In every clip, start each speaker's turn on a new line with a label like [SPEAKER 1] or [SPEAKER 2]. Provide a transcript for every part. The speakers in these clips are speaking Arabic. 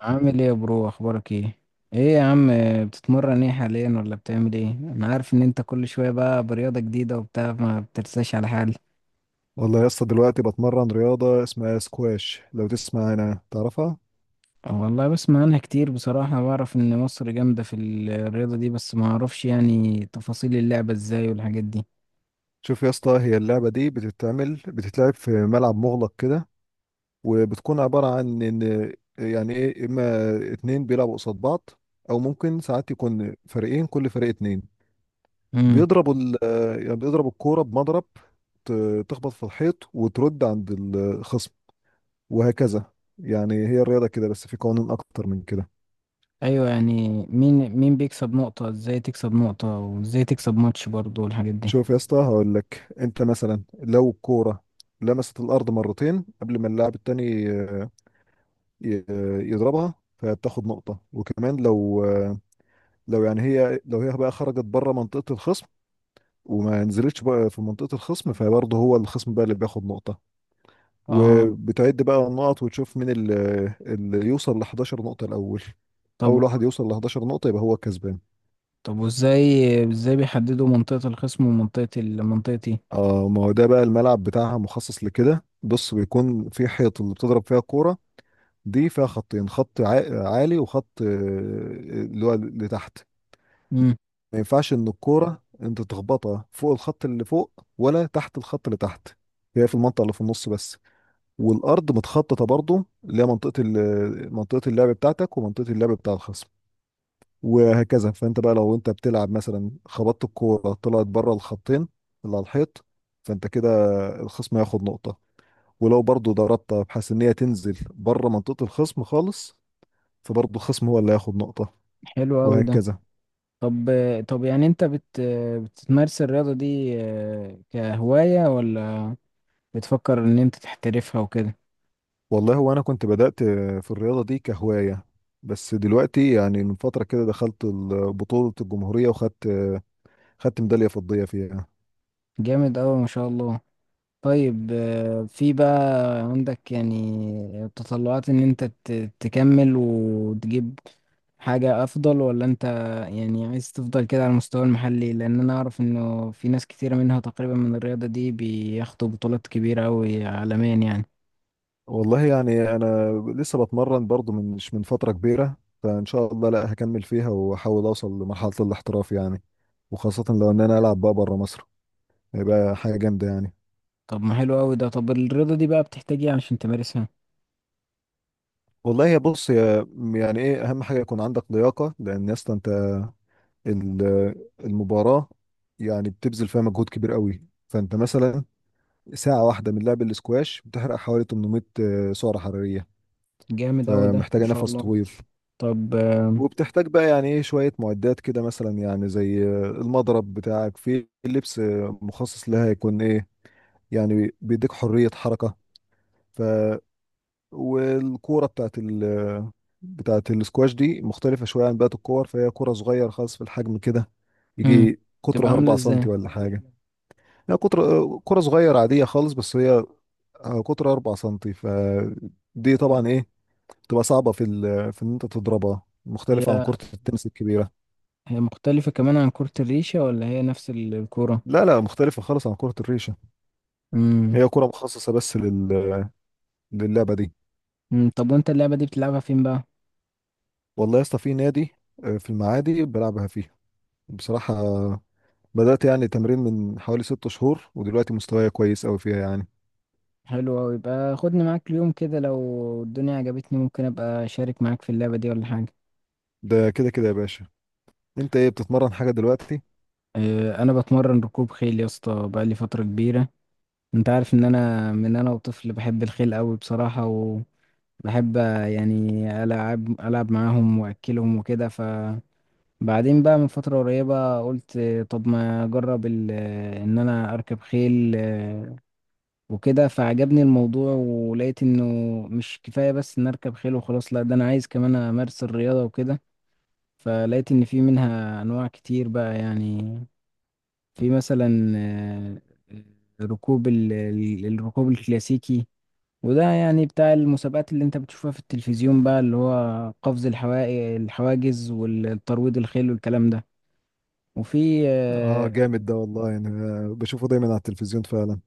[SPEAKER 1] عامل ايه يا برو، اخبارك ايه؟ ايه يا عم؟ بتتمرن ايه حاليا ولا بتعمل ايه؟ انا عارف ان انت كل شوية بقى برياضة جديدة وبتاع، ما بترساش على حال.
[SPEAKER 2] والله يا اسطى، دلوقتي بتمرن رياضة اسمها سكواش، لو تسمع انا تعرفها.
[SPEAKER 1] والله بسمع عنها كتير بصراحة، بعرف ان مصر جامدة في الرياضة دي، بس ما اعرفش يعني تفاصيل اللعبة ازاي والحاجات دي.
[SPEAKER 2] شوف يا اسطى، هي اللعبة دي بتتلعب في ملعب مغلق كده، وبتكون عبارة عن ان، يعني ايه، اما اتنين بيلعبوا قصاد بعض، او ممكن ساعات يكون فريقين كل فريق اتنين،
[SPEAKER 1] امم.
[SPEAKER 2] بيضربوا ال يعني بيضربوا الكورة بمضرب، تخبط في الحيط وترد عند الخصم، وهكذا. يعني هي الرياضة كده، بس في قوانين اكتر من كده.
[SPEAKER 1] ايوه، يعني مين بيكسب نقطة؟ ازاي تكسب نقطة وازاي تكسب ماتش برضو والحاجات دي؟
[SPEAKER 2] شوف يا اسطى، هقول لك. انت مثلا لو الكوره لمست الارض مرتين قبل ما اللاعب التاني يضربها، فبتاخد نقطه. وكمان لو يعني لو هي بقى خرجت بره منطقه الخصم، وما نزلتش بقى في منطقه الخصم، فبرضه هو الخصم بقى اللي بياخد نقطه.
[SPEAKER 1] اه،
[SPEAKER 2] وبتعد بقى النقط وتشوف مين اللي يوصل ل 11 نقطه الاول.
[SPEAKER 1] طب
[SPEAKER 2] اول واحد يوصل ل 11 نقطه يبقى هو الكسبان.
[SPEAKER 1] طب ازاي بيحددوا منطقة الخصم ومنطقة منطقتي؟
[SPEAKER 2] اه، ما هو ده بقى الملعب بتاعها مخصص لكده. بص، بيكون في حيط اللي بتضرب فيها الكوره، دي فيها خطين، خط عالي وخط اللي هو لتحت.
[SPEAKER 1] امم.
[SPEAKER 2] ما ينفعش ان الكوره انت تخبطها فوق الخط اللي فوق، ولا تحت الخط اللي تحت، هي في المنطقه اللي في النص بس. والارض متخططه برضو، اللي هي منطقه اللعب بتاعتك ومنطقه اللعب بتاع الخصم، وهكذا. فانت بقى لو انت بتلعب مثلا خبطت الكوره طلعت بره الخطين اللي على الحيط، فانت كده الخصم هياخد نقطه. ولو برضو ضربتها بحيث ان هي تنزل بره منطقه الخصم خالص، فبرضه الخصم هو اللي هياخد نقطة،
[SPEAKER 1] حلو قوي ده.
[SPEAKER 2] وهكذا.
[SPEAKER 1] طب طب يعني انت بتمارس الرياضة دي كهواية ولا بتفكر ان انت تحترفها وكده؟
[SPEAKER 2] والله هو أنا كنت بدأت في الرياضة دي كهواية، بس دلوقتي يعني من فترة كده دخلت بطولة الجمهورية وخدت، خدت ميدالية فضية فيها.
[SPEAKER 1] جامد اوي، ما شاء الله. طيب في بقى عندك يعني تطلعات ان انت تكمل وتجيب حاجة افضل؟ ولا انت يعني عايز تفضل كده على المستوى المحلي؟ لان انا اعرف انه في ناس كتيرة منها تقريبا من الرياضة دي بياخدوا بطولات كبيرة اوي عالميا يعني.
[SPEAKER 2] والله يعني أنا لسه بتمرن برضه مش من فترة كبيرة، فإن شاء الله لا هكمل فيها وأحاول أوصل لمرحلة الاحتراف يعني. وخاصة لو إن أنا ألعب بقى بره مصر، هيبقى حاجة جامدة يعني.
[SPEAKER 1] طب ما حلو اوي ده. طب الرياضة دي بقى بتحتاج ايه عشان تمارسها؟
[SPEAKER 2] والله يا بص يا يعني ايه، اهم حاجه يكون عندك لياقه، لان يا اسطى انت المباراة يعني بتبذل فيها مجهود كبير قوي. فانت مثلا ساعة واحدة من لعب الاسكواش بتحرق حوالي 800 سعرة حرارية،
[SPEAKER 1] جامد أوي ده، ما
[SPEAKER 2] فمحتاجة
[SPEAKER 1] شاء
[SPEAKER 2] نفس
[SPEAKER 1] الله.
[SPEAKER 2] طويل.
[SPEAKER 1] طب
[SPEAKER 2] وبتحتاج بقى يعني ايه شوية معدات كده، مثلا يعني زي المضرب بتاعك. في لبس مخصص لها يكون ايه، يعني بيديك حرية حركة. ف والكورة بتاعت الاسكواش دي مختلفة شوية عن بقية الكور، فهي كورة صغيرة خالص في الحجم كده،
[SPEAKER 1] مم.
[SPEAKER 2] يجي
[SPEAKER 1] تبقى
[SPEAKER 2] قطرها
[SPEAKER 1] عاملة
[SPEAKER 2] 4 سنتي
[SPEAKER 1] ازاي؟
[SPEAKER 2] ولا حاجة. لا، كرة صغيرة عادية خالص، بس هي قطر 4 سنتي، فدي طبعا ايه، تبقى صعبة في في ان انت تضربها، مختلفة عن
[SPEAKER 1] هي
[SPEAKER 2] كرة التنس الكبيرة.
[SPEAKER 1] هي مختلفة كمان عن كرة الريشة ولا هي نفس الكورة؟
[SPEAKER 2] لا لا، مختلفة خالص عن كرة الريشة.
[SPEAKER 1] مم.
[SPEAKER 2] هي كرة مخصصة بس للعبة دي.
[SPEAKER 1] مم. طب وانت اللعبة دي بتلعبها فين بقى؟
[SPEAKER 2] والله يا اسطى في نادي في المعادي بلعبها فيه. بصراحة بدأت يعني تمرين من حوالي 6 شهور، ودلوقتي مستواي كويس أوي فيها يعني.
[SPEAKER 1] حلو أوي. يبقى خدني معاك اليوم كده، لو الدنيا عجبتني ممكن أبقى أشارك معاك في اللعبة دي ولا حاجة.
[SPEAKER 2] ده كده كده يا باشا، انت ايه، بتتمرن حاجة دلوقتي؟
[SPEAKER 1] أنا بتمرن ركوب خيل يا اسطى بقالي فترة كبيرة. انت عارف ان انا من انا وطفل بحب الخيل أوي بصراحة. وبحب يعني العب العب معاهم واكلهم وكده. ف بعدين بقى من فترة قريبة قلت طب ما أجرب إن أنا أركب خيل وكده، فعجبني الموضوع ولقيت إنه مش كفاية بس إن أركب خيل وخلاص. لأ، ده أنا عايز كمان أمارس الرياضة وكده. فلقيت إن في منها أنواع كتير بقى يعني. في مثلا ركوب الركوب الكلاسيكي، وده يعني بتاع المسابقات اللي انت بتشوفها في التلفزيون بقى، اللي هو قفز الحواجز والترويض الخيل والكلام ده. وفي
[SPEAKER 2] اه جامد ده والله، يعني بشوفه دايما على التلفزيون فعلا.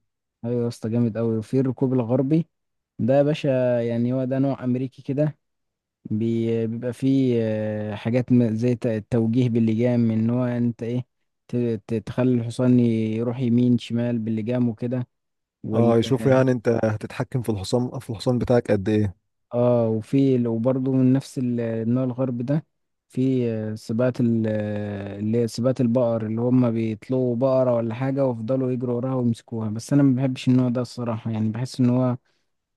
[SPEAKER 1] ايوه يا اسطى، جامد قوي. وفي الركوب الغربي، ده يا باشا يعني هو ده نوع امريكي كده. بيبقى فيه حاجات زي التوجيه باللجام، ان هو انت ايه، تخلي الحصان يروح يمين شمال باللجام وكده.
[SPEAKER 2] اه،
[SPEAKER 1] وال
[SPEAKER 2] يشوفوا يعني انت هتتحكم في الحصان بتاعك قد ايه.
[SPEAKER 1] اه، وفي وبرضه من نفس النوع الغربي ده في سباقات اللي هي سباقات البقر، اللي هم بيطلقوا بقرة ولا حاجة ويفضلوا يجروا وراها ويمسكوها. بس أنا ما بحبش النوع ده الصراحة، يعني بحس إن هو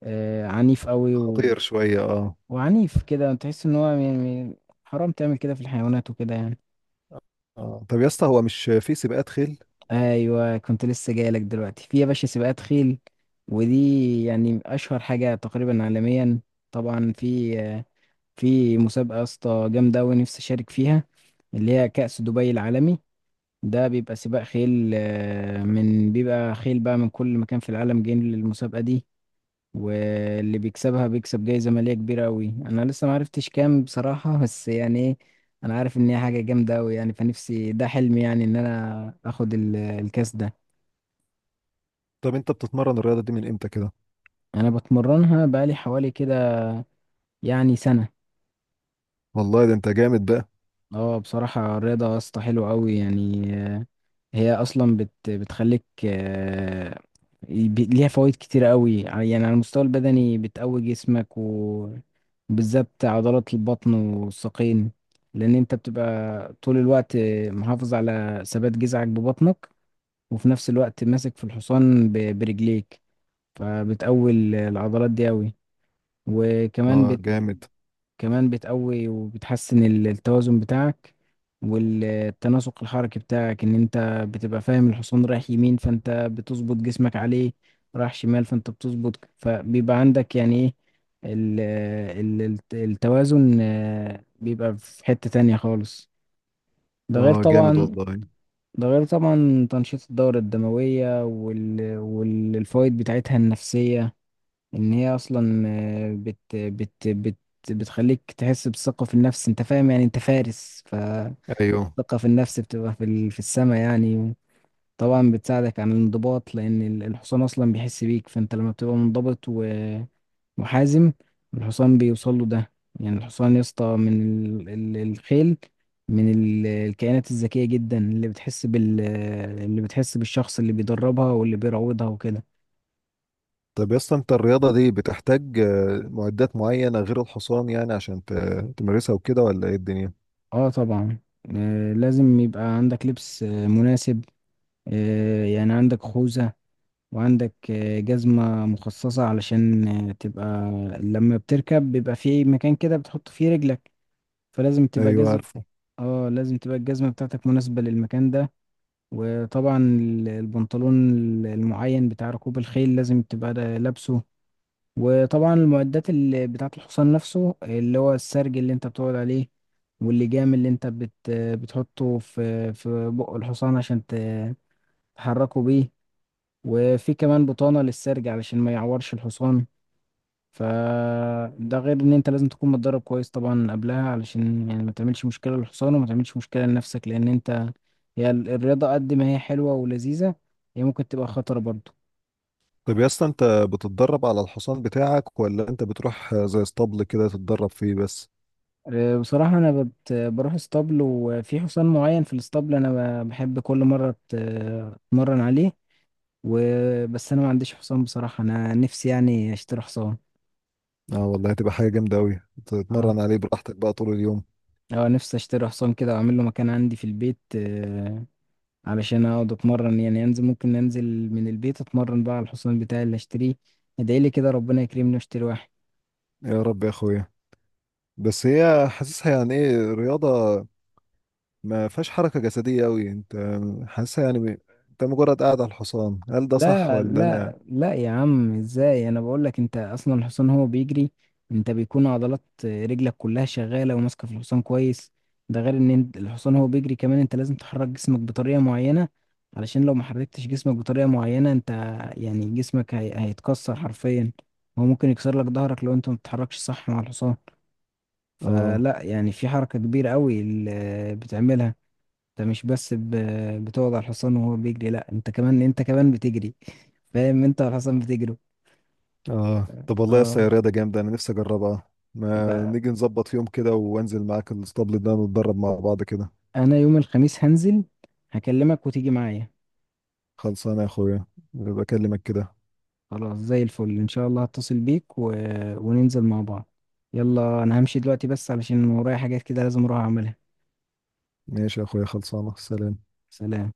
[SPEAKER 1] عنيف قوي و...
[SPEAKER 2] خطير شوية، اه.
[SPEAKER 1] وعنيف كده، تحس ان هو يعني حرام تعمل كده في الحيوانات وكده يعني.
[SPEAKER 2] اه، طب يا اسطى هو مش في سباقات خيل؟
[SPEAKER 1] ايوه، كنت لسه جاي لك دلوقتي. في يا باشا سباقات خيل، ودي يعني اشهر حاجه تقريبا عالميا. طبعا في مسابقه يا اسطى جامده قوي نفسي اشارك فيها، اللي هي كأس دبي العالمي. ده بيبقى سباق خيل من بيبقى خيل بقى من كل مكان في العالم جايين للمسابقه دي، واللي بيكسبها بيكسب جايزة مالية كبيرة أوي. أنا لسه معرفتش كام بصراحة، بس يعني إيه، أنا عارف إن هي حاجة جامدة أوي يعني. فنفسي، ده حلمي، يعني إن أنا آخد الكاس ده.
[SPEAKER 2] طب انت بتتمرن الرياضة دي من امتى كده؟
[SPEAKER 1] أنا بتمرنها بقالي حوالي كده يعني سنة.
[SPEAKER 2] والله ده انت جامد بقى.
[SPEAKER 1] اه، بصراحة الرياضة يا اسطى حلوة أوي يعني. هي اصلا بتخليك ليها فوائد كتير قوي يعني. على المستوى البدني بتقوي جسمك وبالذات عضلات البطن والساقين، لان انت بتبقى طول الوقت محافظ على ثبات جذعك ببطنك، وفي نفس الوقت ماسك في الحصان برجليك، فبتقوي العضلات دي قوي. وكمان
[SPEAKER 2] اه جامد.
[SPEAKER 1] كمان بتقوي وبتحسن التوازن بتاعك، والتناسق الحركي بتاعك، ان انت بتبقى فاهم الحصان رايح يمين فانت بتظبط جسمك عليه، رايح شمال فانت بتظبط، فبيبقى عندك يعني ايه، ال- التوازن بيبقى في حتة تانية خالص. ده غير
[SPEAKER 2] اه جامد
[SPEAKER 1] طبعا
[SPEAKER 2] والله.
[SPEAKER 1] ده غير طبعا تنشيط الدورة الدموية والفوائد بتاعتها النفسية، ان هي اصلا بت بت بت بتخليك تحس بالثقة في النفس، انت فاهم، يعني انت فارس، فالثقة
[SPEAKER 2] ايوه.
[SPEAKER 1] في النفس بتبقى في السماء يعني. طبعا بتساعدك عن الانضباط لان الحصان اصلا بيحس بيك، فانت لما بتبقى منضبط ومحازم الحصان بيوصل له ده. يعني الحصان يا اسطى من الخيل، من الكائنات الذكية جدا اللي بتحس بالشخص اللي بيدربها واللي بيروضها وكده.
[SPEAKER 2] طب يا اسطى، انت الرياضة دي بتحتاج معدات معينة غير الحصان، يعني عشان تمارسها وكده، ولا ايه الدنيا؟
[SPEAKER 1] اه طبعا. لازم يبقى عندك لبس مناسب، يعني عندك خوذة، وعندك جزمة مخصصة، علشان تبقى لما بتركب بيبقى في مكان كده بتحط فيه رجلك، فلازم تبقى
[SPEAKER 2] ايوه
[SPEAKER 1] جزمة.
[SPEAKER 2] عارفه.
[SPEAKER 1] اه، لازم تبقى الجزمة بتاعتك مناسبة للمكان ده. وطبعا البنطلون المعين بتاع ركوب الخيل لازم تبقى لابسه. وطبعا المعدات اللي بتاعة الحصان نفسه، اللي هو السرج اللي انت بتقعد عليه، واللجام اللي انت بتحطه في بق الحصان عشان تحركه بيه. وفي كمان بطانة للسرج علشان ما يعورش الحصان. فده غير ان انت لازم تكون متدرب كويس طبعا قبلها، علشان يعني ما تعملش مشكلة للحصان وما تعملش مشكلة لنفسك، لان انت، هي الرياضة قد ما هي حلوة ولذيذة، هي ممكن تبقى خطرة برضه.
[SPEAKER 2] طب يا اسطى، انت بتتدرب على الحصان بتاعك، ولا انت بتروح زي اسطبل كده تتدرب فيه بس؟
[SPEAKER 1] بصراحة أنا بروح اسطبل، وفي حصان معين في الاسطبل أنا بحب كل مرة أتمرن عليه. وبس أنا ما عنديش حصان بصراحة، أنا نفسي يعني أشتري حصان.
[SPEAKER 2] اه والله هتبقى حاجة جامدة أوي،
[SPEAKER 1] اه.
[SPEAKER 2] تتمرن عليه براحتك بقى طول اليوم.
[SPEAKER 1] أه، نفسي أشتري حصان كده وأعمل له مكان عندي في البيت، علشان أقعد أتمرن يعني، ممكن أنزل من البيت أتمرن بقى على الحصان بتاعي اللي أشتريه. ادعيلي كده ربنا يكرمني وأشتري واحد.
[SPEAKER 2] يا رب يا أخويا. بس هي حاسسها يعني إيه، رياضة ما فيهاش حركة جسدية أوي. أنت حاسسها يعني أنت مجرد قاعد على الحصان، هل ده صح
[SPEAKER 1] لا
[SPEAKER 2] ولا أنا؟
[SPEAKER 1] لا لا يا عم، ازاي؟ انا بقول لك انت اصلا الحصان هو بيجري، انت بيكون عضلات رجلك كلها شغاله وماسكه في الحصان كويس. ده غير ان الحصان هو بيجري كمان، انت لازم تحرك جسمك بطريقه معينه، علشان لو ما حركتش جسمك بطريقه معينه انت يعني جسمك هيتكسر حرفيا. هو ممكن يكسر لك ظهرك لو انت ما بتتحركش صح مع الحصان.
[SPEAKER 2] آه.
[SPEAKER 1] فلا يعني في حركه كبيره قوي اللي بتعملها. انت مش بس بتقعد على الحصان وهو بيجري، لا، انت كمان بتجري، فاهم؟ انت على الحصان بتجري.
[SPEAKER 2] آه، طب والله يا اسطى، هي
[SPEAKER 1] اه،
[SPEAKER 2] رياضة جامدة، أنا نفسي أجربها. ما
[SPEAKER 1] يبقى
[SPEAKER 2] نيجي نظبط في يوم كده وأنزل معاك الاسطبل ده نتدرب مع بعض كده.
[SPEAKER 1] انا يوم الخميس هنزل، هكلمك وتيجي معايا.
[SPEAKER 2] خلصانة يا أخويا، بكلمك كده.
[SPEAKER 1] خلاص، زي الفل ان شاء الله هتصل بيك وننزل مع بعض. يلا انا همشي دلوقتي بس علشان ورايا حاجات كده لازم اروح اعملها.
[SPEAKER 2] ماشي يا أخويا، خلصانة. سلام.
[SPEAKER 1] سلام.